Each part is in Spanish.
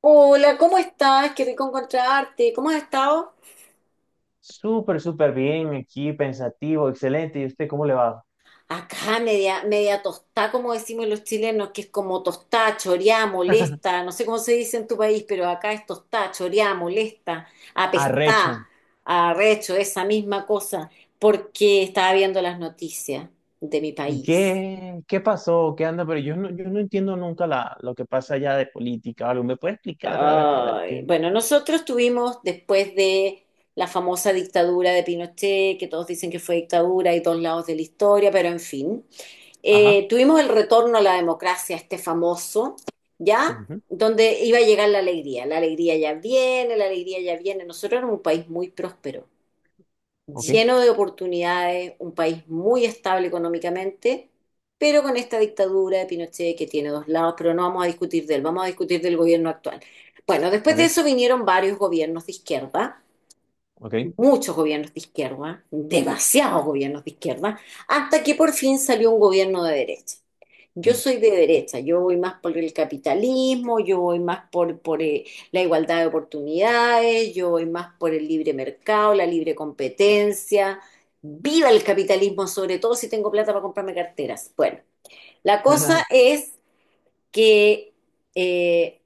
Hola, ¿cómo estás? Qué rico encontrarte. ¿Cómo has estado? Súper, súper bien aquí, pensativo, excelente. ¿Y usted cómo le va? Acá media, media tostada, como decimos los chilenos, que es como tostada, choreada, molesta. No sé cómo se dice en tu país, pero acá es tostada, choreada, molesta, apestada, Arrecho. arrecho, esa misma cosa, porque estaba viendo las noticias de mi ¿Y país. qué, qué pasó? ¿Qué anda? Pero yo no entiendo nunca lo que pasa allá de política o algo. ¿Me puede explicar? A ver Ay, qué. bueno, nosotros tuvimos después de la famosa dictadura de Pinochet, que todos dicen que fue dictadura y dos lados de la historia, pero en fin, Ajá. Tuvimos el retorno a la democracia, este famoso, ¿ya? Ujú. Donde iba a llegar la alegría. La alegría ya viene, la alegría ya viene. Nosotros éramos un país muy próspero Ok, lleno de oportunidades, un país muy estable económicamente, pero con esta dictadura de Pinochet que tiene dos lados, pero no vamos a discutir de él, vamos a discutir del gobierno actual. Bueno, después de ok, eso vinieron varios gobiernos de izquierda, ok. muchos gobiernos de izquierda, demasiados gobiernos de izquierda, hasta que por fin salió un gobierno de derecha. Yo Mm. soy de derecha, yo voy más por el capitalismo, yo voy más por la igualdad de oportunidades, yo voy más por el libre mercado, la libre competencia. Viva el capitalismo, sobre todo si tengo plata para comprarme carteras. Bueno, la cosa es que eh,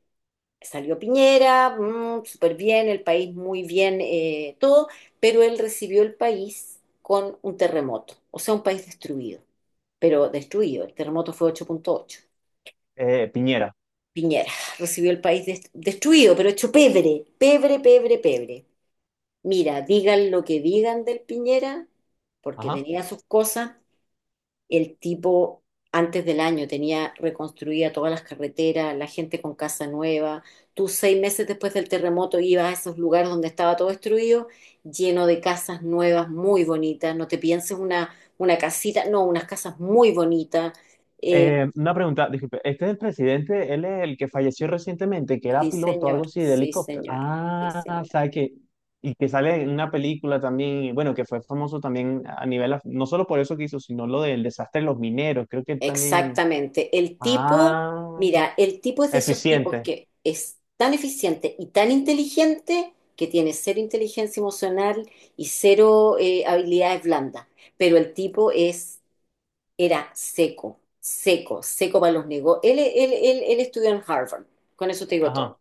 salió Piñera, súper bien, el país muy bien, todo, pero él recibió el país con un terremoto, o sea, un país destruido, pero destruido, el terremoto fue 8.8. Piñera. Piñera recibió el país destruido, pero hecho pebre, pebre, pebre, pebre. Mira, digan lo que digan del Piñera, porque Ajá. tenía sus cosas. El tipo, antes del año, tenía reconstruida todas las carreteras, la gente con casa nueva. Tú seis meses después del terremoto ibas a esos lugares donde estaba todo destruido, lleno de casas nuevas, muy bonitas. No te pienses una casita, no, unas casas muy bonitas. Eh, Una pregunta, disculpe, este es el presidente, él es el que falleció recientemente, que era sí, piloto, algo señor, así, de sí, helicóptero. señor, sí, Ah, señor. sabe que, y que sale en una película también, y bueno, que fue famoso también a nivel, no solo por eso que hizo, sino lo del desastre de los mineros, creo que también, Exactamente. El tipo, ah, mira, el tipo es de esos tipos eficiente, que es tan eficiente y tan inteligente que tiene cero inteligencia emocional y cero habilidades blandas. Pero el tipo es, era seco, seco, seco para los negocios. Él estudió en Harvard, con eso te digo todo. ajá,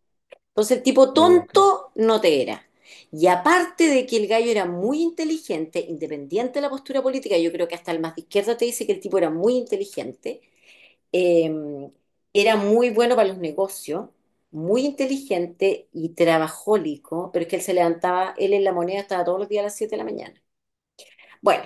Entonces el tipo ok. tonto no te era. Y aparte de que el gallo era muy inteligente, independiente de la postura política, yo creo que hasta el más de izquierda te dice que el tipo era muy inteligente, eh, era muy bueno para los negocios, muy inteligente y trabajólico, pero es que él se levantaba, él en la moneda estaba todos los días a las 7 de la mañana. Bueno,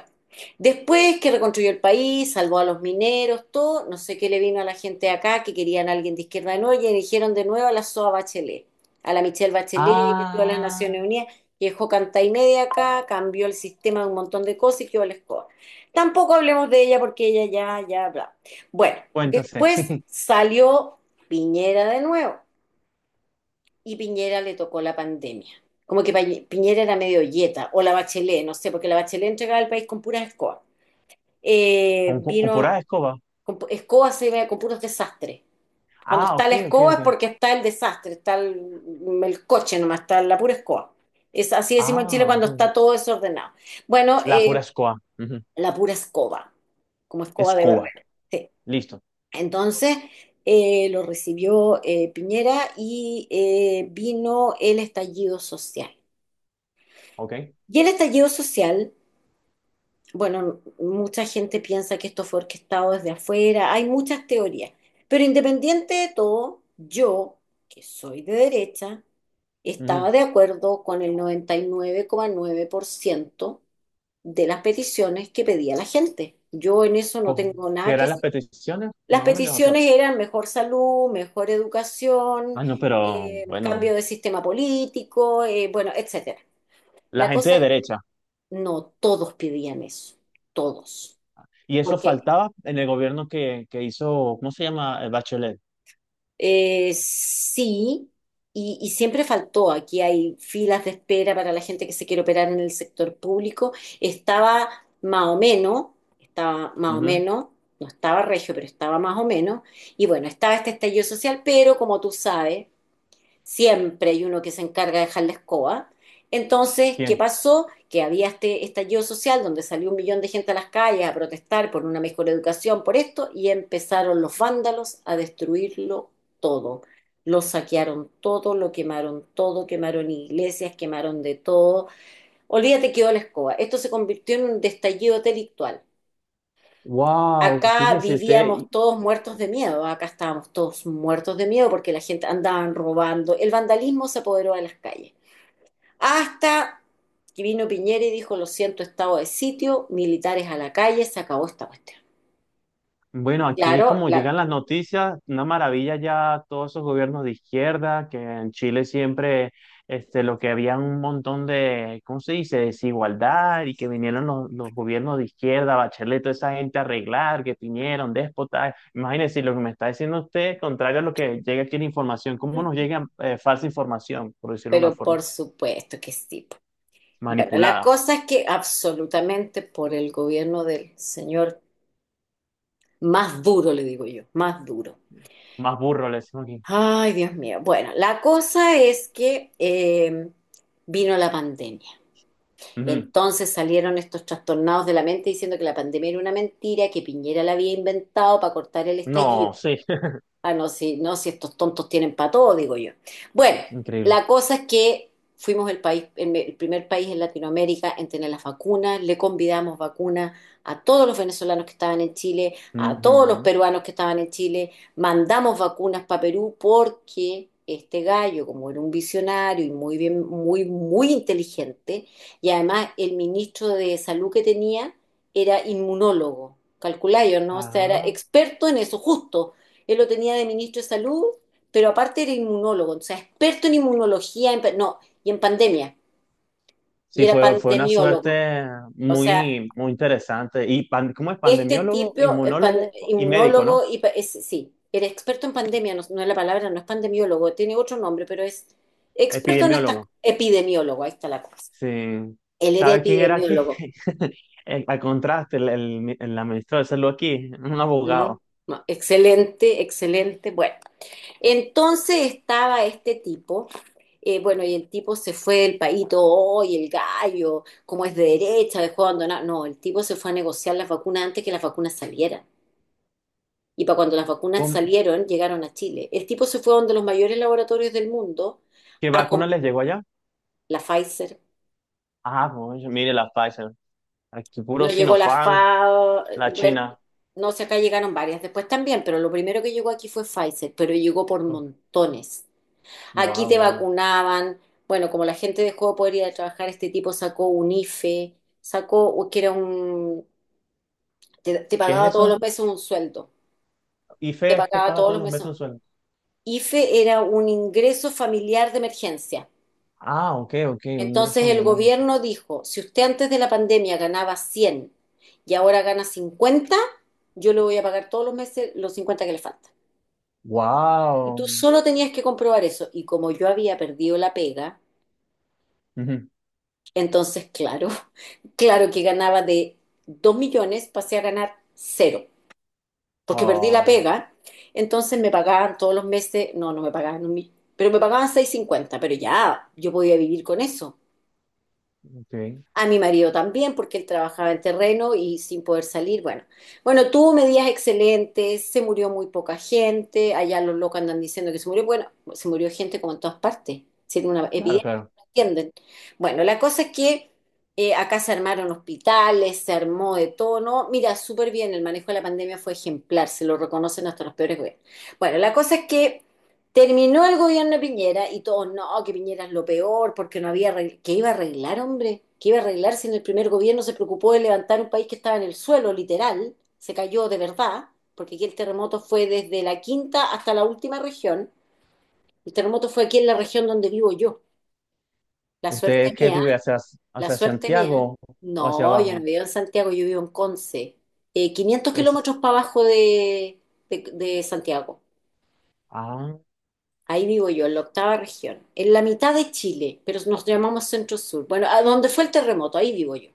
después que reconstruyó el país, salvó a los mineros, todo, no sé qué le vino a la gente de acá que querían a alguien de izquierda de nuevo y eligieron de nuevo a la SOA Bachelet, a la Michelle Bachelet, que estuvo en las Ah, Naciones Unidas, que dejó canta y media acá, cambió el sistema de un montón de cosas y quedó la escoba. Tampoco hablemos de ella porque ella ya, ya, bla. Bueno, cuéntase. después salió Piñera de nuevo y Piñera le tocó la pandemia. Como que Piñera era medio yeta, o la Bachelet, no sé, porque la Bachelet entregaba el país con puras escobas Con pura vino escoba. con, escoba se ve con puros desastres. Cuando Ah, está ok, la ok, escoba ok. es porque está el desastre, está el coche nomás, está la pura escoba. Es así decimos en Chile Ah, ok. cuando está todo desordenado. Bueno, La pura escoba, ujú. la pura escoba, como escoba de Escoba, barrer. Sí. listo, Entonces lo recibió Piñera y vino el estallido social. ok. Y el estallido social. Bueno, mucha gente piensa que esto fue orquestado desde afuera, hay muchas teorías, pero independiente de todo, yo, que soy de derecha, estaba Ujú. de acuerdo con el 99,9% de las peticiones que pedía la gente. Yo en eso no co- tengo ¿Que nada que eran las decir. peticiones, Las más o menos? O sea, peticiones eran mejor salud, mejor educación, ah, no, pero bueno, cambio de sistema político, bueno, etcétera. la La gente cosa de es, derecha. no todos pedían eso, todos. ¿Y eso Porque faltaba en el gobierno que hizo? ¿Cómo se llama? El Bachelet. Sí, y siempre faltó. Aquí hay filas de espera para la gente que se quiere operar en el sector público. Estaba más o menos, estaba más o Ujú. menos, no estaba regio, pero estaba más o menos. Y bueno, estaba este estallido social, pero como tú sabes, siempre hay uno que se encarga de dejar la escoba. Entonces, ¿qué Bien. pasó? Que había este estallido social donde salió un millón de gente a las calles a protestar por una mejor educación, por esto, y empezaron los vándalos a destruirlo todo. Lo saquearon todo, lo quemaron todo, quemaron iglesias, quemaron de todo. Olvídate que quedó la escoba. Esto se convirtió en un estallido delictual. Wow, Acá fíjese vivíamos usted. todos muertos de miedo, acá estábamos todos muertos de miedo porque la gente andaban robando, el vandalismo se apoderó de las calles. Hasta que vino Piñera y dijo, lo siento, estado de sitio, militares a la calle, se acabó esta cuestión. Bueno, aquí Claro, como llegan las noticias, una maravilla ya todos esos gobiernos de izquierda, que en Chile siempre este, lo que había un montón de, ¿cómo se dice?, desigualdad, y que vinieron los gobiernos de izquierda, Bachelet, toda esa gente a arreglar, que vinieron, déspotas. Imagínense lo que me está diciendo usted, contrario a lo que llega aquí en información, ¿cómo nos llega falsa información?, por decirlo de una pero forma, por supuesto que sí. Bueno, la manipulada, cosa es que absolutamente por el gobierno del señor más duro, le digo yo, más duro. más burro le decimos aquí. Ay, Dios mío. Bueno, la cosa es que vino la pandemia. Ujú. Entonces salieron estos trastornados de la mente diciendo que la pandemia era una mentira, que Piñera la había inventado para cortar el estallido. No, sí. Ah, no, si, no, si estos tontos tienen para todo, digo yo. Bueno, la Increíble. cosa es que fuimos el país, el primer país en Latinoamérica en tener las vacunas, le convidamos vacunas a todos los venezolanos que estaban en Chile, a todos los Ujú. peruanos que estaban en Chile, mandamos vacunas para Perú porque este gallo, como era un visionario y muy bien, muy, muy inteligente, y además el ministro de salud que tenía era inmunólogo calculáis, ¿no? O sea, era Ah. experto en eso, justo. Él lo tenía de ministro de salud, pero aparte era inmunólogo, o sea, experto en inmunología, en, no, y en pandemia, y Sí, era fue, fue una pandemiólogo. suerte O sea, muy, muy interesante. Y ¿cómo es? este Pandemiólogo, tipo, es inmunólogo y médico, inmunólogo, ¿no? y, sí, era experto en pandemia, no, no es la palabra, no es pandemiólogo, tiene otro nombre, pero es experto en estas, Epidemiólogo. epidemiólogo, ahí está la cosa. Sí. Él era ¿Sabes quién era aquí? epidemiólogo, Al contraste, el administrador de salud aquí, un ¿no? abogado. No, excelente, excelente. Bueno, entonces estaba este tipo, bueno, y el tipo se fue del país, todo, "Oh, y el gallo, como es de derecha, dejó abandonado. No, el tipo se fue a negociar las vacunas antes que las vacunas salieran. Y para cuando las vacunas ¿Cómo- salieron, llegaron a Chile. El tipo se fue a uno de los mayores laboratorios del mundo ¿Qué a vacuna comprar les llegó allá? la Pfizer. Ah, pues, mire, la Pfizer. Aquí No puro llegó la Sinopharm, la bueno, China. no sé, acá llegaron varias después también, pero lo primero que llegó aquí fue Pfizer, pero llegó por montones. Aquí Wow, te wow. vacunaban. Bueno, como la gente dejó de poder ir a trabajar, este tipo sacó un IFE, sacó, que era un, te ¿Qué es pagaba todos los eso? meses un sueldo, te IFE es que pagaba paga todos todos los los meses meses. un sueldo. IFE era un ingreso familiar de emergencia. Ah, ok, ok, un ingreso Entonces el familiar de emergencia. gobierno dijo, si usted antes de la pandemia ganaba 100 y ahora gana 50, yo le voy a pagar todos los meses los 50 que le faltan. Y tú Wow. solo tenías que comprobar eso. Y como yo había perdido la pega, entonces, claro, claro que ganaba de 2 millones, pasé a ganar cero, porque perdí la Wow, pega. Entonces me pagaban todos los meses, no, no me pagaban un millón, pero me pagaban 650 pero ya yo podía vivir con eso. ok, A mi marido también, porque él trabajaba en terreno y sin poder salir. Bueno, bueno, tuvo medidas excelentes, se murió muy poca gente, allá los locos andan diciendo que se murió. Bueno, se murió gente como en todas partes, si era una epidemia, claro, claro. no entienden. Bueno, la cosa es que acá se armaron hospitales, se armó de todo, ¿no? Mira, súper bien, el manejo de la pandemia fue ejemplar, se lo reconocen hasta los peores gobiernos. Bueno, la cosa es que terminó el gobierno de Piñera y todos, no, que Piñera es lo peor porque no había, que iba a arreglar, hombre, que iba a arreglar si en el primer gobierno se preocupó de levantar un país que estaba en el suelo, literal, se cayó de verdad, porque aquí el terremoto fue desde la quinta hasta la última región, el terremoto fue aquí en la región donde vivo yo, la suerte ¿Usted qué mía, vive hacia, la hacia suerte mía, Santiago o hacia no, yo no abajo? vivo en Santiago, yo vivo en Conce, 500 Es, kilómetros para abajo de Santiago. ah, Ahí vivo yo, en la octava región, en la mitad de Chile, pero nos llamamos Centro Sur. Bueno, a donde fue el terremoto, ahí vivo yo.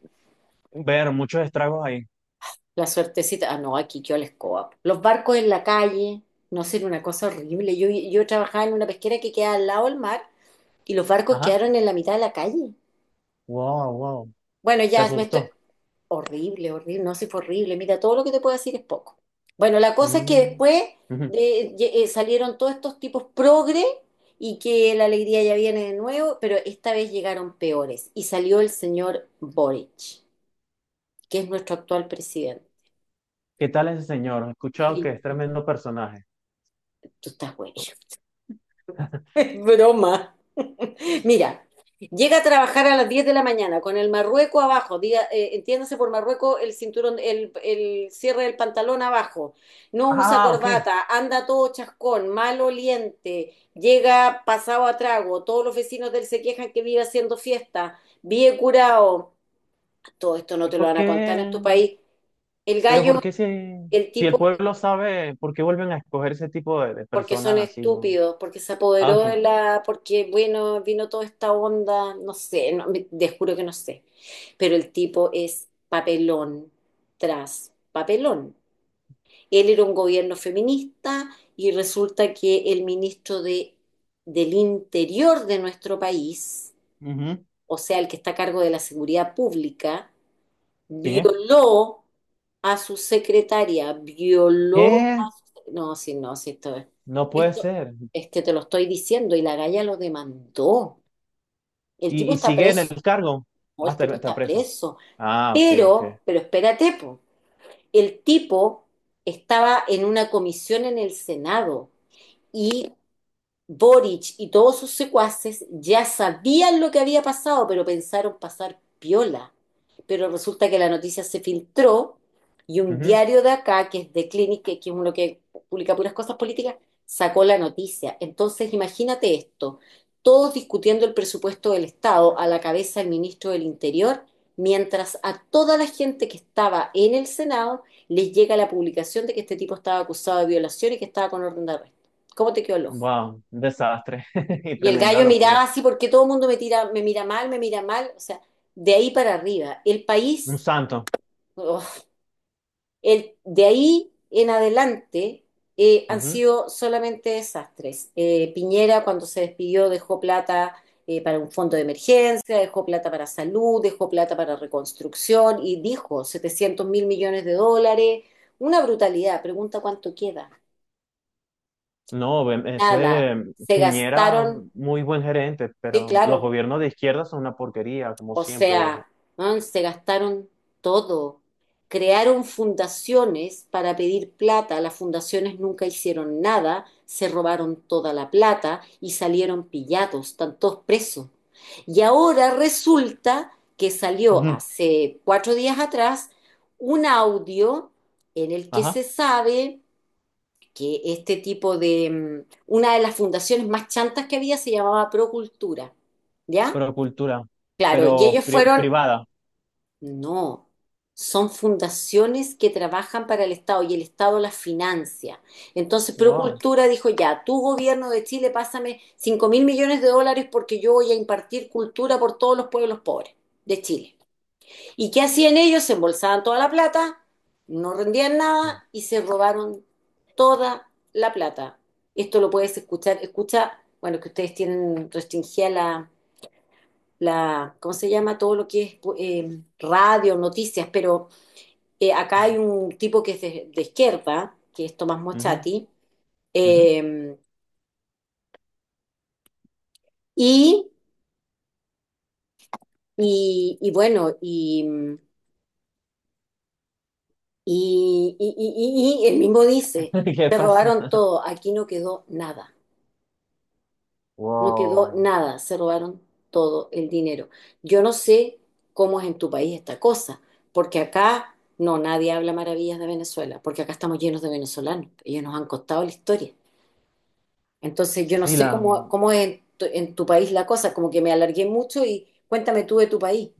ver muchos estragos ahí. La suertecita, ah, no, aquí yo la escoba. Los barcos en la calle, no sé, era una cosa horrible. Yo trabajaba en una pesquera que queda al lado del mar y los barcos Ajá, quedaron en la mitad de la calle. wow, wow, Bueno, se ya me estoy... asustó. Horrible, horrible, no, sí fue horrible. Mira, todo lo que te puedo decir es poco. Bueno, la cosa es que Mm, ujú. Salieron todos estos tipos progre y que la alegría ya viene de nuevo, pero esta vez llegaron peores y salió el señor Boric, que es nuestro actual presidente. ¿Qué tal ese señor? He escuchado que es Ridículo. tremendo personaje. Tú estás bueno. Broma. Mira, llega a trabajar a las 10 de la mañana con el marrueco abajo, diga, entiéndase por marrueco el cinturón, el cierre del pantalón abajo, no usa Ah, ok. corbata, anda todo chascón, mal oliente, llega pasado a trago, todos los vecinos de él se quejan que vive haciendo fiesta, vive curado. Todo esto no ¿Y te lo por van a contar en tu qué? país. El Pero gallo, ¿por qué si, el si el tipo pueblo sabe, por qué vuelven a escoger ese tipo de porque son personas así, no? estúpidos, porque se Ah, apoderó ok. de la, porque bueno, vino toda esta onda, no sé, no, te juro que no sé, pero el tipo es papelón tras papelón. Él era un gobierno feminista y resulta que el ministro de, del Interior de nuestro país, Ujú. o sea, el que está a cargo de la seguridad pública, ¿Quién es? violó a su secretaria, violó ¿Qué? no, sí, no, sí, esto es. No puede Esto ser. es que te lo estoy diciendo y la galla lo demandó. El tipo Y está sigue en preso, el cargo. o Ah, el está, tipo está está preso. preso. Ah, ok, ok. Pero espérate, po. El tipo estaba en una comisión en el Senado y Boric y todos sus secuaces ya sabían lo que había pasado, pero pensaron pasar piola. Pero resulta que la noticia se filtró y un Ujú. diario de acá, que es de Clinic, que es uno que publica puras cosas políticas, sacó la noticia. Entonces, imagínate esto, todos discutiendo el presupuesto del Estado a la cabeza del ministro del Interior, mientras a toda la gente que estaba en el Senado les llega la publicación de que este tipo estaba acusado de violación y que estaba con orden de arresto. ¿Cómo te quedó el ojo? Wow, un desastre. Y Y el tremenda gallo locura. miraba así porque todo el mundo me tira, me mira mal, me mira mal. O sea, de ahí para arriba. El Un país, santo. oh, el, de ahí en adelante han Ujú. sido solamente desastres. Piñera cuando se despidió dejó plata para un fondo de emergencia, dejó plata para salud, dejó plata para reconstrucción y dijo 700.000 millones de dólares. Una brutalidad. Pregunta cuánto queda. No, Nada. ese mm, Se Piñera, gastaron, mm, muy buen gerente, sí, pero los claro. gobiernos de izquierda son una porquería, como O siempre. sea, man, se gastaron todo. Crearon fundaciones para pedir plata, las fundaciones nunca hicieron nada, se robaron toda la plata y salieron pillados, están todos presos. Y ahora resulta que salió Ujú. hace 4 días atrás un audio en el que Ajá, se sabe que este tipo de, una de las fundaciones más chantas que había se llamaba Procultura, ¿ya? pero cultura, Claro, y pero ellos fueron privada. no, son fundaciones que trabajan para el Estado y el Estado las financia. Entonces, Wow. Procultura dijo, ya, tu gobierno de Chile, pásame 5.000 millones de dólares porque yo voy a impartir cultura por todos los pueblos pobres de Chile. ¿Y qué hacían ellos? Se embolsaban toda la plata, no rendían nada y se robaron toda la plata. Esto lo puedes escuchar, escucha, bueno, que ustedes tienen restringida la, ¿cómo se llama? Todo lo que es radio, noticias, pero acá hay un tipo que es de izquierda, que es Tomás Ujú, Mochati, ujú. eh, y, y bueno, y él mismo dice, ¿Qué se pasó? robaron todo, aquí no quedó nada. No quedó Wow. nada, se robaron todo el dinero. Yo no sé cómo es en tu país esta cosa, porque acá no, nadie habla maravillas de Venezuela, porque acá estamos llenos de venezolanos, ellos nos han costado la historia. Entonces yo no Sí, sé la, cómo es en en tu país la cosa, como que me alargué mucho y cuéntame tú de tu país.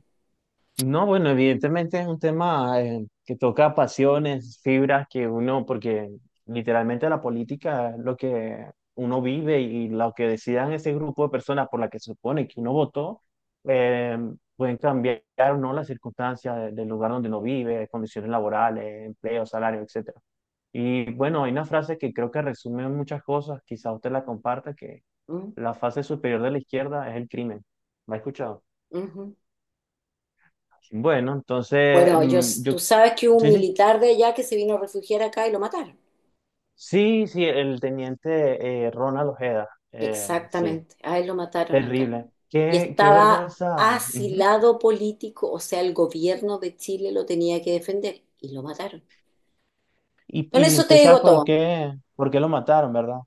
No, bueno, evidentemente es un tema que toca pasiones, fibras que uno, porque literalmente la política es lo que uno vive, y lo que decidan ese grupo de personas por la que se supone que uno votó, eh, pueden cambiar o no las circunstancias del lugar donde uno vive, condiciones laborales, empleo, salario, etcétera. Y bueno, hay una frase que creo que resume muchas cosas, quizá usted la comparta, que ¿Mm? la fase superior de la izquierda es el crimen. ¿La ha escuchado? Ujú. Bueno, entonces, Bueno, yo, mm, yo, tú sabes que hubo un sí, sí, militar de allá que se vino a refugiar acá y lo mataron. sí, sí, el teniente Ronald Ojeda, sí, Exactamente, a él lo mataron acá. terrible. Y Qué, qué estaba vergüenza. Ujú. asilado político, o sea, el gobierno de Chile lo tenía que defender y lo mataron. Y, Con y eso te usted sabe digo todo. Por qué lo mataron, ¿verdad?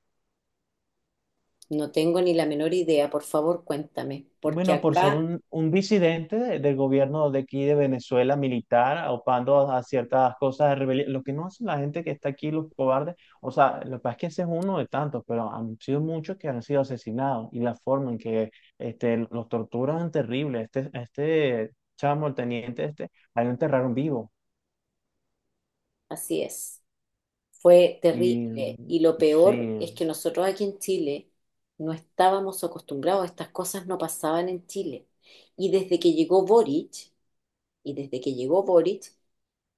No tengo ni la menor idea, por favor, cuéntame, porque Bueno, por ser acá un disidente del gobierno de aquí de Venezuela, militar, opando a ciertas cosas de rebelión, lo que no hace la gente que está aquí, los cobardes. O sea, lo que pasa es que ese es uno de tantos, pero han sido muchos que han sido asesinados, y la forma en que este, los torturan es terrible. Este chamo, el teniente este, a él lo enterraron vivo así es. Fue y terrible mm, y lo peor es sí. que nosotros aquí en Chile no estábamos acostumbrados, estas cosas no pasaban en Chile. Y desde que llegó Boric, y desde que llegó Boric,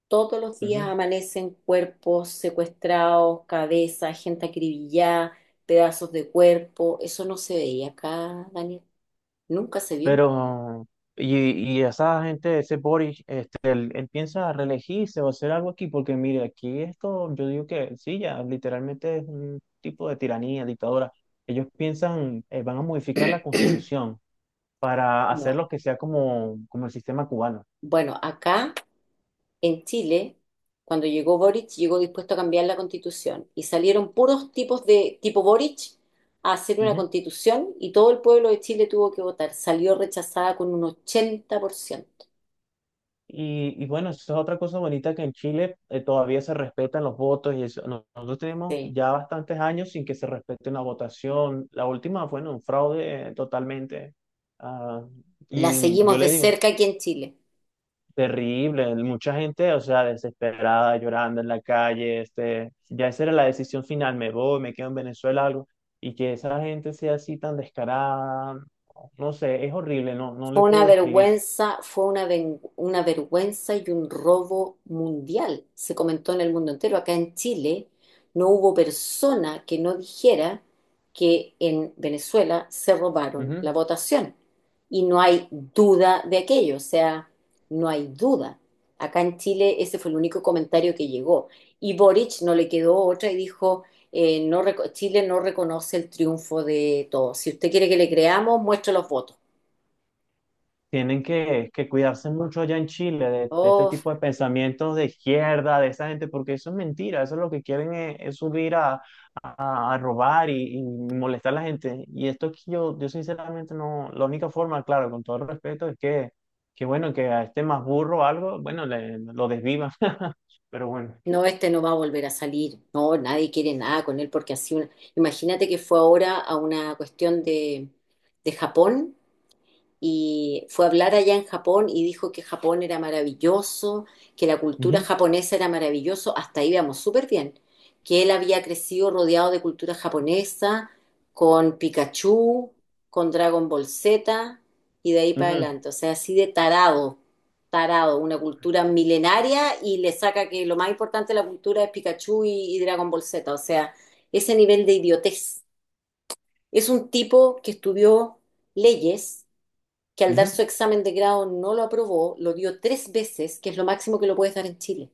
todos los días Ujú. amanecen cuerpos secuestrados, cabezas, gente acribillada, pedazos de cuerpo. Eso no se veía acá, Daniel. Nunca se vio. Pero, y, y esa gente, ese Boris, este, él piensa reelegirse o hacer algo aquí, porque mire, aquí esto, yo digo que sí, ya literalmente es un tipo de tiranía, dictadura. Ellos piensan, van a modificar la constitución para hacer No. lo que sea como, como el sistema cubano. Bueno, acá en Chile, cuando llegó Boric, llegó dispuesto a cambiar la constitución y salieron puros tipos de tipo Boric a hacer una constitución y todo el pueblo de Chile tuvo que votar. Salió rechazada con un 80%. Y bueno, eso es otra cosa bonita que en Chile todavía se respetan los votos y eso. Nosotros tenemos Sí. ya bastantes años sin que se respete una votación. La última fue en un fraude totalmente. Ah, La y mm, seguimos yo de le digo, cerca aquí en Chile. terrible. Mucha gente, o sea, desesperada, llorando en la calle. Este, ya esa era la decisión final. Me voy, me quedo en Venezuela, algo. Y que esa gente sea así tan descarada, no sé, es horrible. No, no Fue le una puedo describir. vergüenza, una vergüenza y un robo mundial. Se comentó en el mundo entero. Acá en Chile no hubo persona que no dijera que en Venezuela se robaron la votación. Y no hay duda de aquello, o sea, no hay duda. Acá en Chile ese fue el único comentario que llegó. Y Boric no le quedó otra y dijo, Chile no reconoce el triunfo de todos. Si usted quiere que le creamos, muestre los votos. Tienen que cuidarse mucho allá en Chile de este Oh, tipo de pensamientos de izquierda, de esa gente, porque eso es mentira, eso es lo que quieren es subir a, a robar y molestar a la gente. Y esto que yo sinceramente no, la única forma, claro, con todo el respeto, es que bueno, que a este más burro o algo, bueno, lo desvivan, pero bueno. no, este no va a volver a salir. No, nadie quiere nada con él porque así una... Imagínate que fue ahora a una cuestión de Japón y fue a hablar allá en Japón y dijo que Japón era maravilloso, que la cultura Ujú, japonesa era maravilloso, hasta ahí íbamos súper bien, que él había crecido rodeado de cultura japonesa, con Pikachu, con Dragon Ball Z y de ahí para ujú, adelante, o sea, así de tarado, tarado, una cultura milenaria y le saca que lo más importante de la cultura es Pikachu y Dragon Ball Z, o sea, ese nivel de idiotez. Es un tipo que estudió leyes que al dar ujú. su examen de grado no lo aprobó, lo dio tres veces, que es lo máximo que lo puedes dar en Chile.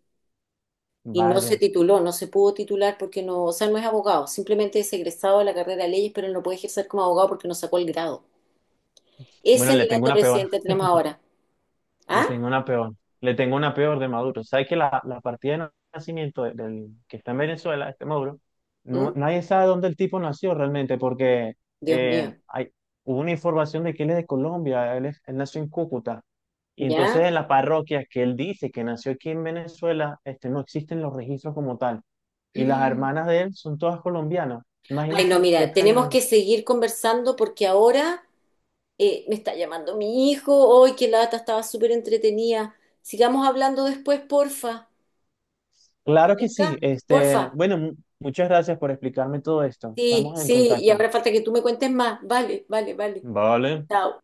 Y no se Vaya. tituló, no se pudo titular porque no, o sea, no es abogado, simplemente es egresado de la carrera de leyes, pero no puede ejercer como abogado porque no sacó el grado. Ese Bueno, le nivel tengo de una peor. presidente tenemos ahora. Le ¿Ah? tengo una peor. Le tengo una peor de Maduro. ¿Sabes que la partida de nacimiento del que está en Venezuela, este Maduro, no, ¿Mm? nadie sabe dónde el tipo nació realmente? Porque Dios eh, mío. hay, hubo una información de que él es de Colombia, él, él nació en Cúcuta. Y entonces ¿Ya? en la parroquia que él dice que nació aquí en Venezuela, este, no existen los registros como tal. Y las Mm. hermanas de él son todas colombianas. Ay, no, Imagínense qué mira, tan tenemos grande. que seguir conversando porque ahora me está llamando mi hijo. Hoy qué lata, estaba súper entretenida. Sigamos hablando después, porfa. ¿Te Claro que sí. tinca? Este, Porfa. bueno, muchas gracias por explicarme todo esto. Sí, Estamos en sí, y contacto. ahora falta que tú me cuentes más. Vale, vale, vale. Vale. Chao.